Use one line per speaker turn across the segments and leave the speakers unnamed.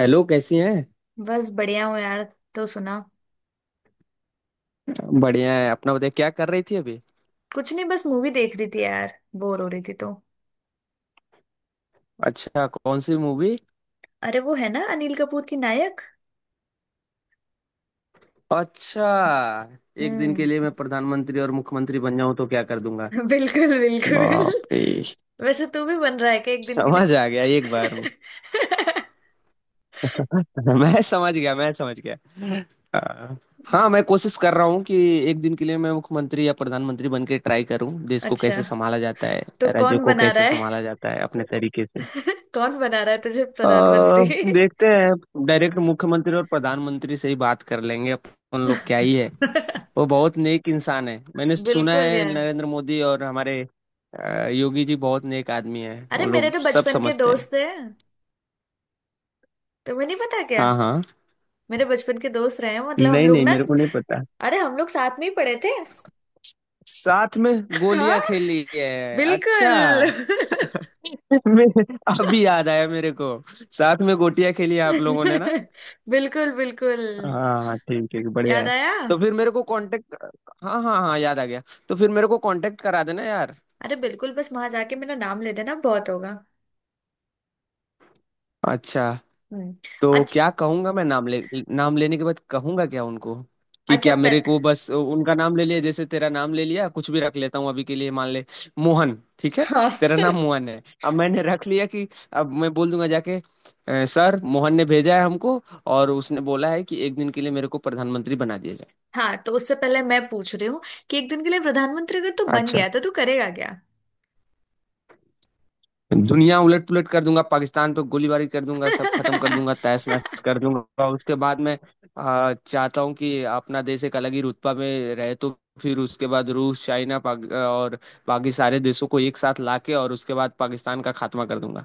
Hello, कैसी हैं।
बस बढ़िया हूँ यार। तो सुना।
बढ़िया है। अपना बताइए, क्या कर रही थी अभी।
कुछ नहीं, बस मूवी देख रही थी यार। बोर हो रही थी तो।
अच्छा, कौन सी मूवी।
अरे वो है ना, अनिल कपूर की नायक।
अच्छा। एक दिन के
हम्म।
लिए मैं प्रधानमंत्री और मुख्यमंत्री बन जाऊं तो क्या कर दूंगा।
बिल्कुल बिल्कुल।
बाप रे।
वैसे तू भी बन रहा है क्या एक दिन के लिए?
समझ आ गया एक बार में। मैं समझ गया, मैं समझ गया। हाँ। हाँ, मैं कोशिश कर रहा हूँ कि एक दिन के लिए मैं मुख्यमंत्री या प्रधानमंत्री बन के ट्राई करूँ, देश को
अच्छा,
कैसे संभाला जाता है,
तो
राज्यों
कौन
को
बना रहा
कैसे
है?
संभाला जाता है, अपने तरीके से।
कौन बना रहा है तुझे
अ,
प्रधानमंत्री?
देखते हैं, डायरेक्ट मुख्यमंत्री और प्रधानमंत्री से ही बात कर लेंगे अपन लोग, क्या ही है। वो बहुत नेक इंसान है, मैंने सुना
बिल्कुल
है,
यार।
नरेंद्र मोदी और हमारे योगी जी बहुत नेक आदमी है, वो
अरे मेरे
लोग
तो
सब
बचपन के
समझते हैं।
दोस्त हैं। तुम्हें नहीं पता क्या?
हाँ हाँ।
मेरे बचपन के दोस्त रहे हैं, मतलब हम
नहीं
लोग
नहीं,
ना।
मेरे को नहीं पता।
अरे हम लोग साथ में ही पढ़े थे।
साथ में
हाँ,
गोलियां खेली है,
बिल्कुल।
अच्छा। मैं- अभी याद आया मेरे को, साथ में गोटियां खेली है आप लोगों ने ना।
बिल्कुल बिल्कुल,
हाँ हाँ, ठीक ठीक, बढ़िया
याद
है।
आया।
तो फिर मेरे को कांटेक्ट। हाँ हाँ हाँ, याद आ गया। तो फिर मेरे को कांटेक्ट करा देना यार।
अरे बिल्कुल, बस वहां जाके मेरा नाम ले देना, बहुत होगा।
अच्छा।
हम्म।
तो
अच्छा।
क्या कहूंगा मैं, नाम ले। नाम लेने के बाद कहूंगा क्या उनको। कि
अच्छा
क्या, मेरे
पह,
को बस उनका नाम ले लिया, जैसे तेरा नाम ले लिया, कुछ भी रख लेता हूँ अभी के लिए, मान ले। मोहन। ठीक है।
हाँ।
तेरा नाम मोहन है, अब मैंने रख लिया कि अब मैं बोल दूंगा जाके, सर, मोहन ने भेजा है हमको, और उसने बोला है कि एक दिन के लिए मेरे को प्रधानमंत्री बना दिया जाए।
हाँ, तो उससे पहले मैं पूछ रही हूँ कि एक दिन के लिए प्रधानमंत्री अगर तू बन
अच्छा।
गया तो तू करेगा क्या?
दुनिया उलट पुलट कर दूंगा, पाकिस्तान पे गोलीबारी कर दूंगा, सब खत्म कर दूंगा, तहस नहस कर दूंगा, उसके बाद मैं चाहता हूँ कि अपना देश एक अलग ही रुतबा में रहे, तो फिर उसके बाद रूस, चाइना, और बाकी सारे देशों को एक साथ लाके, और उसके बाद पाकिस्तान का खात्मा कर दूंगा।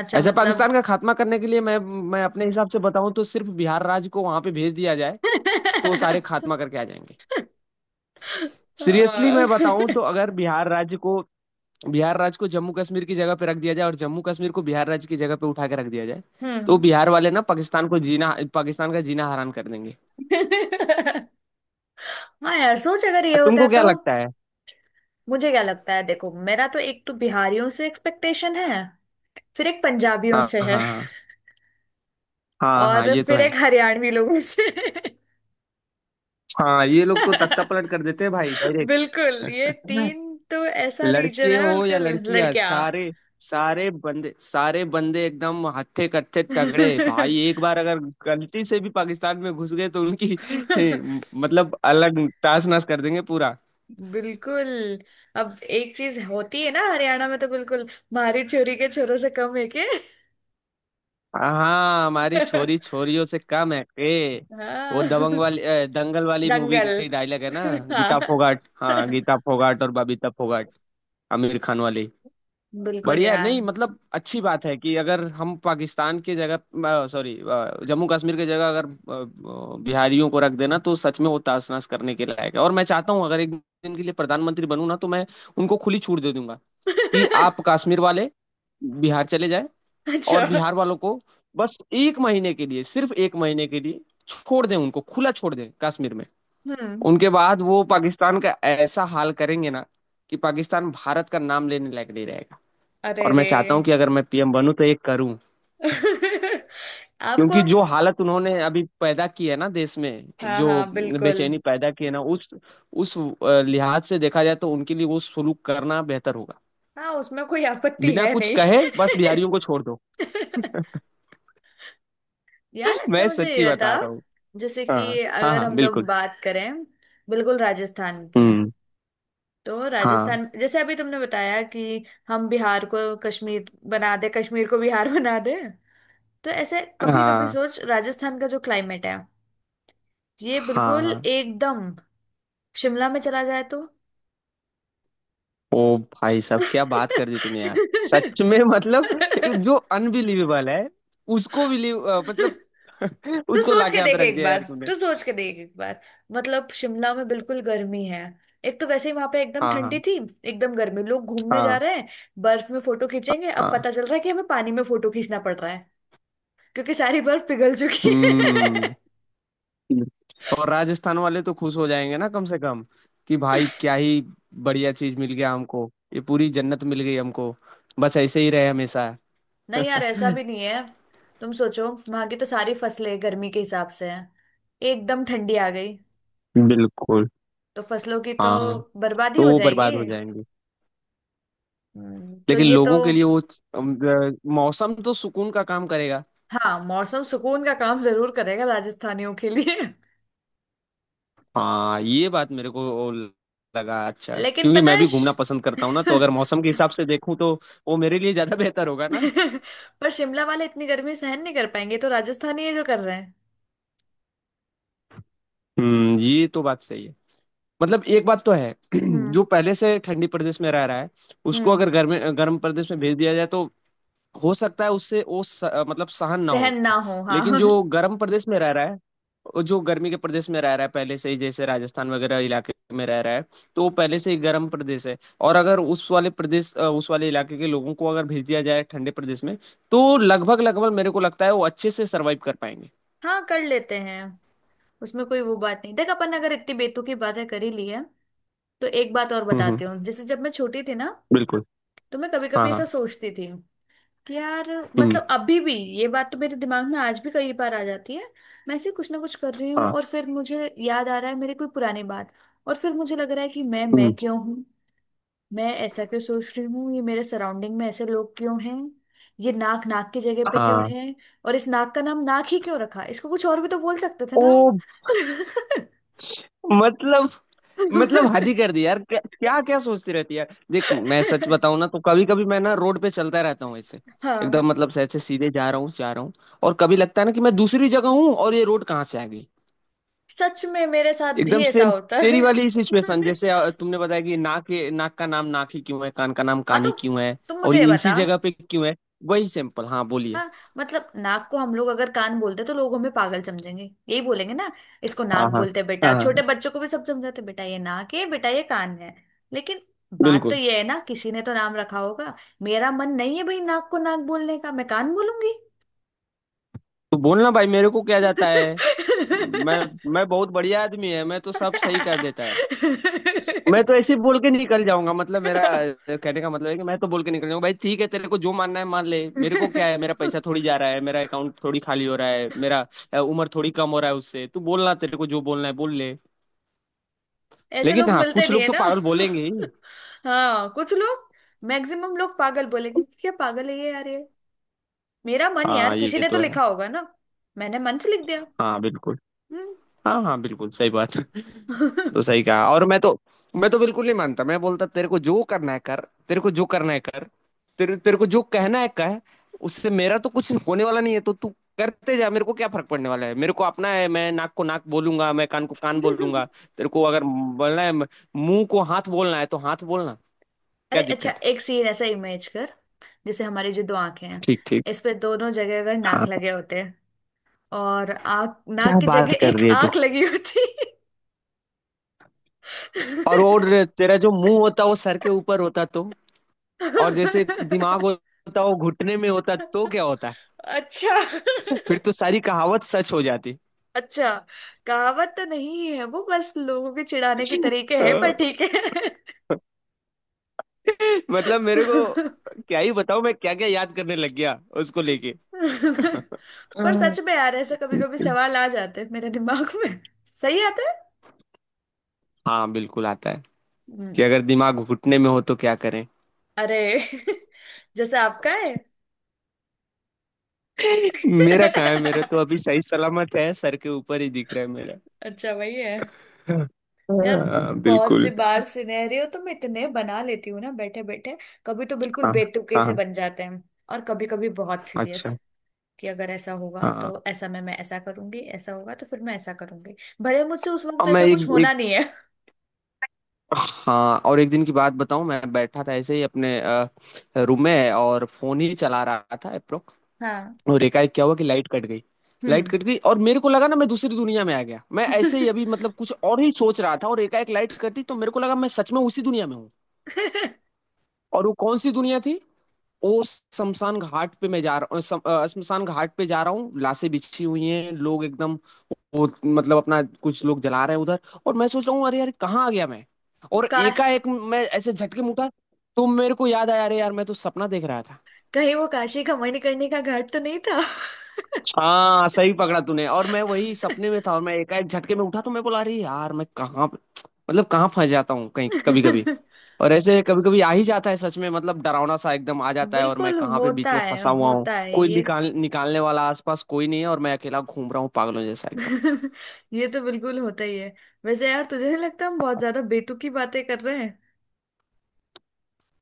अच्छा
ऐसे
मतलब।
पाकिस्तान का खात्मा करने के लिए मैं अपने हिसाब से बताऊं तो सिर्फ बिहार राज्य को वहां पे भेज दिया जाए, तो वो सारे खात्मा करके आ जाएंगे। सीरियसली
हाँ।
मैं बताऊं तो, अगर बिहार राज्य को जम्मू कश्मीर की जगह पे रख दिया जाए, और जम्मू कश्मीर को बिहार राज्य की जगह पे उठा के रख दिया जाए, तो
हम्म।
बिहार वाले ना पाकिस्तान का जीना हराम कर देंगे।
हाँ यार, सोच अगर ये होता
तुमको क्या
तो।
लगता है?
मुझे क्या लगता है, देखो मेरा तो एक तो बिहारियों से एक्सपेक्टेशन है। फिर एक पंजाबियों
हाँ
से
हाँ
है।
हाँ। हाँ हाँ,
और
ये तो
फिर
है।
एक हरियाणवी लोगों से।
हाँ, ये लोग तो तख्ता पलट कर देते हैं भाई,
बिल्कुल ये
डायरेक्ट।
तीन, तो ऐसा रीजन
लड़के
है
हो या
बिल्कुल।
लड़कियां,
लड़कियां।
सारे सारे बंदे एकदम हत्थे कत्थे तगड़े भाई, एक बार अगर गलती से भी पाकिस्तान में घुस गए तो उनकी मतलब, अलग ताश नश कर देंगे पूरा।
बिल्कुल। अब एक चीज होती है ना हरियाणा में तो, बिल्कुल मारी छोरी के छोरों से कम है के।
हाँ, हमारी छोरी छोरियों से कम है ए। वो
हाँ।
दंगल वाली मूवी
दंगल।
की डायलॉग है ना। गीता
हाँ
फोगाट, हाँ, गीता फोगाट और बबीता फोगाट। आमिर खान वाली।
बिल्कुल
बढ़िया है,
यार।
नहीं मतलब अच्छी बात है कि अगर हम पाकिस्तान की जगह, सॉरी, जम्मू कश्मीर की जगह अगर बिहारियों को रख देना तो सच में वो तासनस करने के लायक है। और मैं चाहता हूँ अगर एक दिन के लिए प्रधानमंत्री बनूं ना, तो मैं उनको खुली छूट दे दूंगा कि आप कश्मीर वाले बिहार चले जाए, और
अच्छा।
बिहार वालों को बस एक महीने के लिए, सिर्फ एक महीने के लिए छोड़ दें, उनको खुला छोड़ दें कश्मीर में।
हम्म।
उनके बाद वो पाकिस्तान का ऐसा हाल करेंगे ना कि पाकिस्तान भारत का नाम लेने लायक नहीं रहेगा।
अरे
और मैं
रे।
चाहता हूं कि अगर मैं पीएम बनूं तो ये करूं।
आपको
क्योंकि
अब।
जो हालत उन्होंने अभी पैदा की है ना देश में,
हाँ
जो
हाँ बिल्कुल।
बेचैनी पैदा की है ना, उस लिहाज से देखा जाए तो उनके लिए वो सुलूक करना बेहतर होगा।
हाँ, उसमें कोई आपत्ति
बिना
है
कुछ
नहीं।
कहे, बस बिहारियों को छोड़ दो।
यार अच्छा,
मैं
मुझे
सच्ची
ये था,
बता रहा हूँ।
जैसे
हाँ।
कि
हाँ
अगर
हाँ,
हम लोग
बिल्कुल।
बात करें बिल्कुल राजस्थान की, हाँ।
हम्म।
तो
हाँ।
राजस्थान, जैसे अभी तुमने बताया कि हम बिहार को कश्मीर बना दे, कश्मीर को बिहार बना दे। तो ऐसे कभी कभी
हाँ
सोच, राजस्थान का जो क्लाइमेट है ये
हाँ
बिल्कुल
हाँ।
एकदम शिमला में चला जाए तो।
ओ भाई साहब, क्या बात कर दी तूने यार। सच में मतलब, जो अनबिलीवेबल है, उसको बिलीव मतलब,
तू
उसको
सोच
लाके
के
यहाँ पे
देख
रख
एक
दिया
बार।
यार तूने।
तू सोच के देख एक बार। मतलब शिमला में बिल्कुल गर्मी है, एक तो वैसे ही वहां पे एकदम
हाँ
ठंडी
हाँ।
थी। एकदम गर्मी, लोग घूमने जा
हाँ।
रहे हैं, बर्फ में फोटो खींचेंगे, अब
हाँ।
पता चल रहा है कि हमें पानी में फोटो खींचना पड़ रहा है, क्योंकि सारी बर्फ पिघल चुकी है।
हम्म। और राजस्थान वाले तो खुश हो जाएंगे ना कम से कम, कि भाई क्या ही बढ़िया चीज मिल गया हमको, ये पूरी जन्नत मिल गई हमको। बस ऐसे ही रहे हमेशा।
नहीं यार, ऐसा भी नहीं है। तुम सोचो वहां की तो सारी फसलें गर्मी के हिसाब से हैं, एकदम ठंडी आ गई,
बिल्कुल।
तो फसलों की तो
हाँ।
बर्बादी
तो
हो
वो
जाएगी।
बर्बाद हो जाएंगे।
तो
लेकिन
ये तो।
लोगों के लिए वो अम, मौसम तो सुकून का काम करेगा।
हाँ, मौसम सुकून का काम जरूर करेगा राजस्थानियों के लिए।
हाँ, ये बात मेरे को लगा अच्छा,
लेकिन
क्योंकि
पता
मैं
है
भी घूमना पसंद करता हूँ ना, तो अगर मौसम के हिसाब से देखूं तो वो मेरे लिए ज्यादा बेहतर होगा ना।
पर शिमला वाले इतनी गर्मी सहन नहीं कर पाएंगे, तो राजस्थानी ये जो कर रहे हैं।
हम्म, ये तो बात सही है। मतलब एक बात तो है, जो
हम्म
पहले से ठंडी प्रदेश में रह रहा है, उसको
हम्म
अगर गर्म गर्म प्रदेश में भेज दिया जाए तो हो सकता है उससे वो मतलब सहन ना हो।
सहन ना हो,
लेकिन
हाँ।
जो गर्म प्रदेश में रह रहा है, और जो गर्मी के प्रदेश में रह रहा है पहले से ही, जैसे राजस्थान वगैरह इलाके में रह रहा है, तो वो पहले से ही गर्म प्रदेश है। और अगर उस वाले इलाके के लोगों को अगर भेज दिया जाए ठंडे प्रदेश में, तो लगभग लगभग मेरे को लगता है वो अच्छे से सरवाइव कर पाएंगे।
हाँ, कर लेते हैं। उसमें कोई वो बात नहीं। देख, अपन अगर इतनी बेतुकी बातें कर ही ली है तो एक बात और
हम्म। हम्म।
बताती हूँ। जैसे जब मैं छोटी थी ना,
बिल्कुल।
तो मैं कभी
हाँ
कभी ऐसा
हाँ।
सोचती थी यार,
हम्म।
मतलब अभी भी ये बात तो मेरे दिमाग में आज भी कई बार आ जाती है। मैं ऐसे कुछ ना कुछ कर रही हूँ
हाँ।
और फिर मुझे याद आ रहा है मेरी कोई पुरानी बात, और फिर मुझे लग रहा है कि मैं
हम्म।
क्यों हूँ। मैं ऐसा क्यों सोच रही हूँ, ये मेरे सराउंडिंग में ऐसे लोग क्यों हैं, ये नाक नाक की जगह पे क्यों
हाँ।
है, और इस नाक का नाम नाक ही क्यों रखा, इसको कुछ और भी तो बोल सकते थे
ओ।
ना हम।
मतलब मतलब, हद ही कर दी यार, क्या क्या क्या सोचती रहती है यार। देख, मैं सच बताऊं ना तो कभी कभी मैं ना रोड पे चलता रहता हूँ ऐसे,
हाँ,
एकदम मतलब से ऐसे सीधे जा रहा हूँ जा रहा हूँ, और कभी लगता है ना कि मैं दूसरी जगह हूँ और ये रोड कहाँ से आ गई।
सच में मेरे साथ भी
एकदम
ऐसा
सेम।
होता है।
तेरी वाली ही सिचुएशन, जैसे तुमने बताया कि नाक का नाम नाक ही क्यों है, कान का नाम
हाँ
कान ही
तो
क्यों है,
तुम
और
मुझे ये
ये इसी
बता।
जगह पे क्यों है। वही सिंपल, हाँ बोलिए।
हाँ, मतलब नाक को हम लोग अगर कान बोलते तो लोग हमें पागल समझेंगे, यही बोलेंगे ना। इसको नाक
हाँ हाँ
बोलते हैं बेटा,
हाँ। हाँ,
छोटे बच्चों को भी सब समझाते हैं, बेटा ये नाक है, बेटा ये कान है। लेकिन बात तो
बिल्कुल।
ये है ना, किसी ने तो नाम रखा होगा। मेरा मन नहीं है भाई नाक को नाक बोलने का, मैं कान बोलूंगी।
तो बोलना भाई, मेरे को क्या जाता है। मैं मैं बहुत बढ़िया आदमी है, मैं तो सब सही कर देता है। मैं तो ऐसे बोल के निकल जाऊंगा, मतलब मेरा कहने का मतलब है कि मैं तो बोल के निकल जाऊंगा, भाई ठीक है, तेरे को जो मानना है मान ले, मेरे को क्या है, मेरा पैसा थोड़ी जा रहा है, मेरा अकाउंट थोड़ी खाली हो रहा है, मेरा उम्र थोड़ी कम हो रहा है उससे, तू बोलना, तेरे को जो बोलना है बोल ले।
ऐसे
लेकिन
लोग
हाँ,
मिलते
कुछ
नहीं
लोग
है
तो
ना।
पागल बोलेंगे ही।
हाँ कुछ लोग, मैक्सिमम लोग पागल बोलेंगे, क्या पागल है ये यार ये। मेरा मन यार,
हाँ,
किसी
ये
ने तो
तो है।
लिखा होगा ना, मैंने मन से लिख दिया।
हाँ बिल्कुल।
हम्म।
हाँ हाँ, बिल्कुल सही बात। तो सही कहा। और मैं तो, मैं तो बिल्कुल नहीं मानता, मैं बोलता तेरे को जो करना है कर, तेरे को जो करना है कर, तेरे तेरे को जो कहना है कह, उससे मेरा तो कुछ होने वाला नहीं है, तो तू करते जा, मेरे को क्या फर्क पड़ने वाला है, मेरे को अपना है, मैं नाक को नाक बोलूंगा, मैं कान को कान बोलूंगा। तेरे को अगर बोलना है मुंह को हाथ बोलना है तो हाथ बोलना।
अरे
क्या
अच्छा,
दिक्कत है?
एक सीन ऐसा इमेज कर, जैसे हमारी जो दो आंखें हैं,
ठीक ठीक।
इस पे दोनों जगह अगर
हाँ,
नाक लगे होते हैं, और आंख नाक
क्या
की
बात
जगह
कर
एक
रही है तू।
आंख लगी होती।
और तेरा जो मुंह होता वो सर के ऊपर होता तो, और जैसे दिमाग होता वो घुटने में होता, तो क्या होता।
अच्छा।
फिर तो सारी कहावत सच हो जाती।
अच्छा, कहावत तो नहीं है वो, बस लोगों के चिढ़ाने के तरीके
अ,
हैं, पर ठीक
मतलब मेरे को
है।
क्या ही बताऊं, मैं क्या क्या याद करने लग गया उसको लेके।
पर
हम्म।
सच में यार, ऐसा कभी कभी सवाल आ जाते हैं मेरे दिमाग में। सही आता है।
हाँ बिल्कुल आता है, कि
हम्म।
अगर दिमाग घुटने में हो तो क्या करें।
अरे। जैसे आपका है।
मेरा कहाँ है, मेरा तो अभी सही सलामत है, सर के ऊपर ही दिख रहा है मेरा।
अच्छा, वही है यार।
हाँ
बहुत सी
बिल्कुल।
बार सिनेरियो तो मैं इतने बना लेती हूँ ना, बैठे बैठे कभी तो बिल्कुल
हाँ
बेतुके
हाँ
से
हाँ,
बन जाते हैं, और कभी कभी बहुत सीरियस,
अच्छा,
कि अगर ऐसा होगा
हाँ।
तो ऐसा, मैं ऐसा करूंगी, ऐसा होगा तो फिर मैं ऐसा करूंगी, भले मुझसे उस
और
वक्त
मैं
ऐसा कुछ
एक
होना नहीं है।
हाँ, और एक दिन की बात बताऊं, मैं बैठा था ऐसे ही अपने रूम में और फोन ही चला रहा था एप्रो,
हाँ।
और एकाएक क्या हुआ कि लाइट कट गई। लाइट
हम्म।
कट गई और मेरे को लगा ना मैं दूसरी दुनिया में आ गया, मैं ऐसे ही अभी मतलब कुछ और ही सोच रहा था, और एकाएक लाइट कटी तो मेरे को लगा मैं सच में उसी दुनिया में हूँ। और वो कौन सी दुनिया थी। वो शमशान घाट पे मैं जा रहा हूँ, शमशान घाट पे जा रहा हूँ, लाशें बिछी हुई हैं, लोग एकदम, वो मतलब अपना, कुछ लोग जला रहे हैं उधर, और मैं सोच रहा हूँ, अरे यार कहाँ आ गया मैं। और
का।
एकाएक मैं ऐसे झटके में उठा, तो मेरे को याद आया, अरे यार, मैं तो सपना देख रहा था।
कहीं वो काशी का मणिकर्णिका का घाट तो नहीं था?
हाँ, सही पकड़ा तूने, और मैं वही सपने में था, और मैं एकाएक झटके में उठा तो मैं बोला, अरे यार, मैं कहाँ, मतलब कहाँ फंस जाता हूँ कहीं कभी कभी। और ऐसे कभी कभी आ ही जाता है सच में, मतलब डरावना सा एकदम आ जाता है, और मैं
बिल्कुल
कहाँ पे
होता
बीच में
है,
फंसा हुआ हूँ।
होता है
कोई
ये।
निकालने वाला आसपास कोई नहीं है, और मैं अकेला घूम रहा हूँ पागलों जैसा एकदम।
ये तो बिल्कुल होता ही है। वैसे यार तुझे नहीं लगता हम बहुत ज्यादा बेतुकी बातें कर रहे हैं?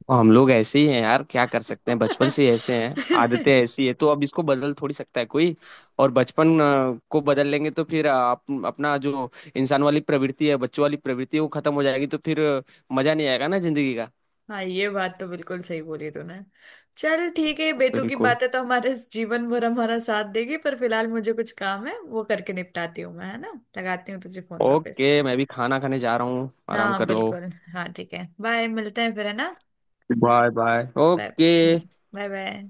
और हम लोग ऐसे ही हैं यार, क्या कर सकते हैं, बचपन से ही ऐसे हैं। आदतें ऐसी है तो अब इसको बदल थोड़ी सकता है कोई। और बचपन को बदल लेंगे तो फिर आप अपना जो इंसान वाली प्रवृत्ति है, बच्चों वाली प्रवृत्ति है, वो खत्म हो जाएगी तो फिर मजा नहीं आएगा ना जिंदगी का।
हाँ, ये बात तो बिल्कुल सही बोली तूने। चल ठीक है, बेतुकी
बिल्कुल।
बातें तो हमारे इस जीवन भर हमारा साथ देगी, पर फिलहाल मुझे कुछ काम है, वो करके निपटाती हूँ मैं, है ना, लगाती हूँ तुझे फोन वापस।
ओके, मैं भी खाना खाने जा रहा हूँ, आराम
हाँ
कर लो।
बिल्कुल। हाँ ठीक है, बाय, मिलते हैं फिर, है ना।
Bye bye,
bye.
ओके।
हम्म। Bye bye.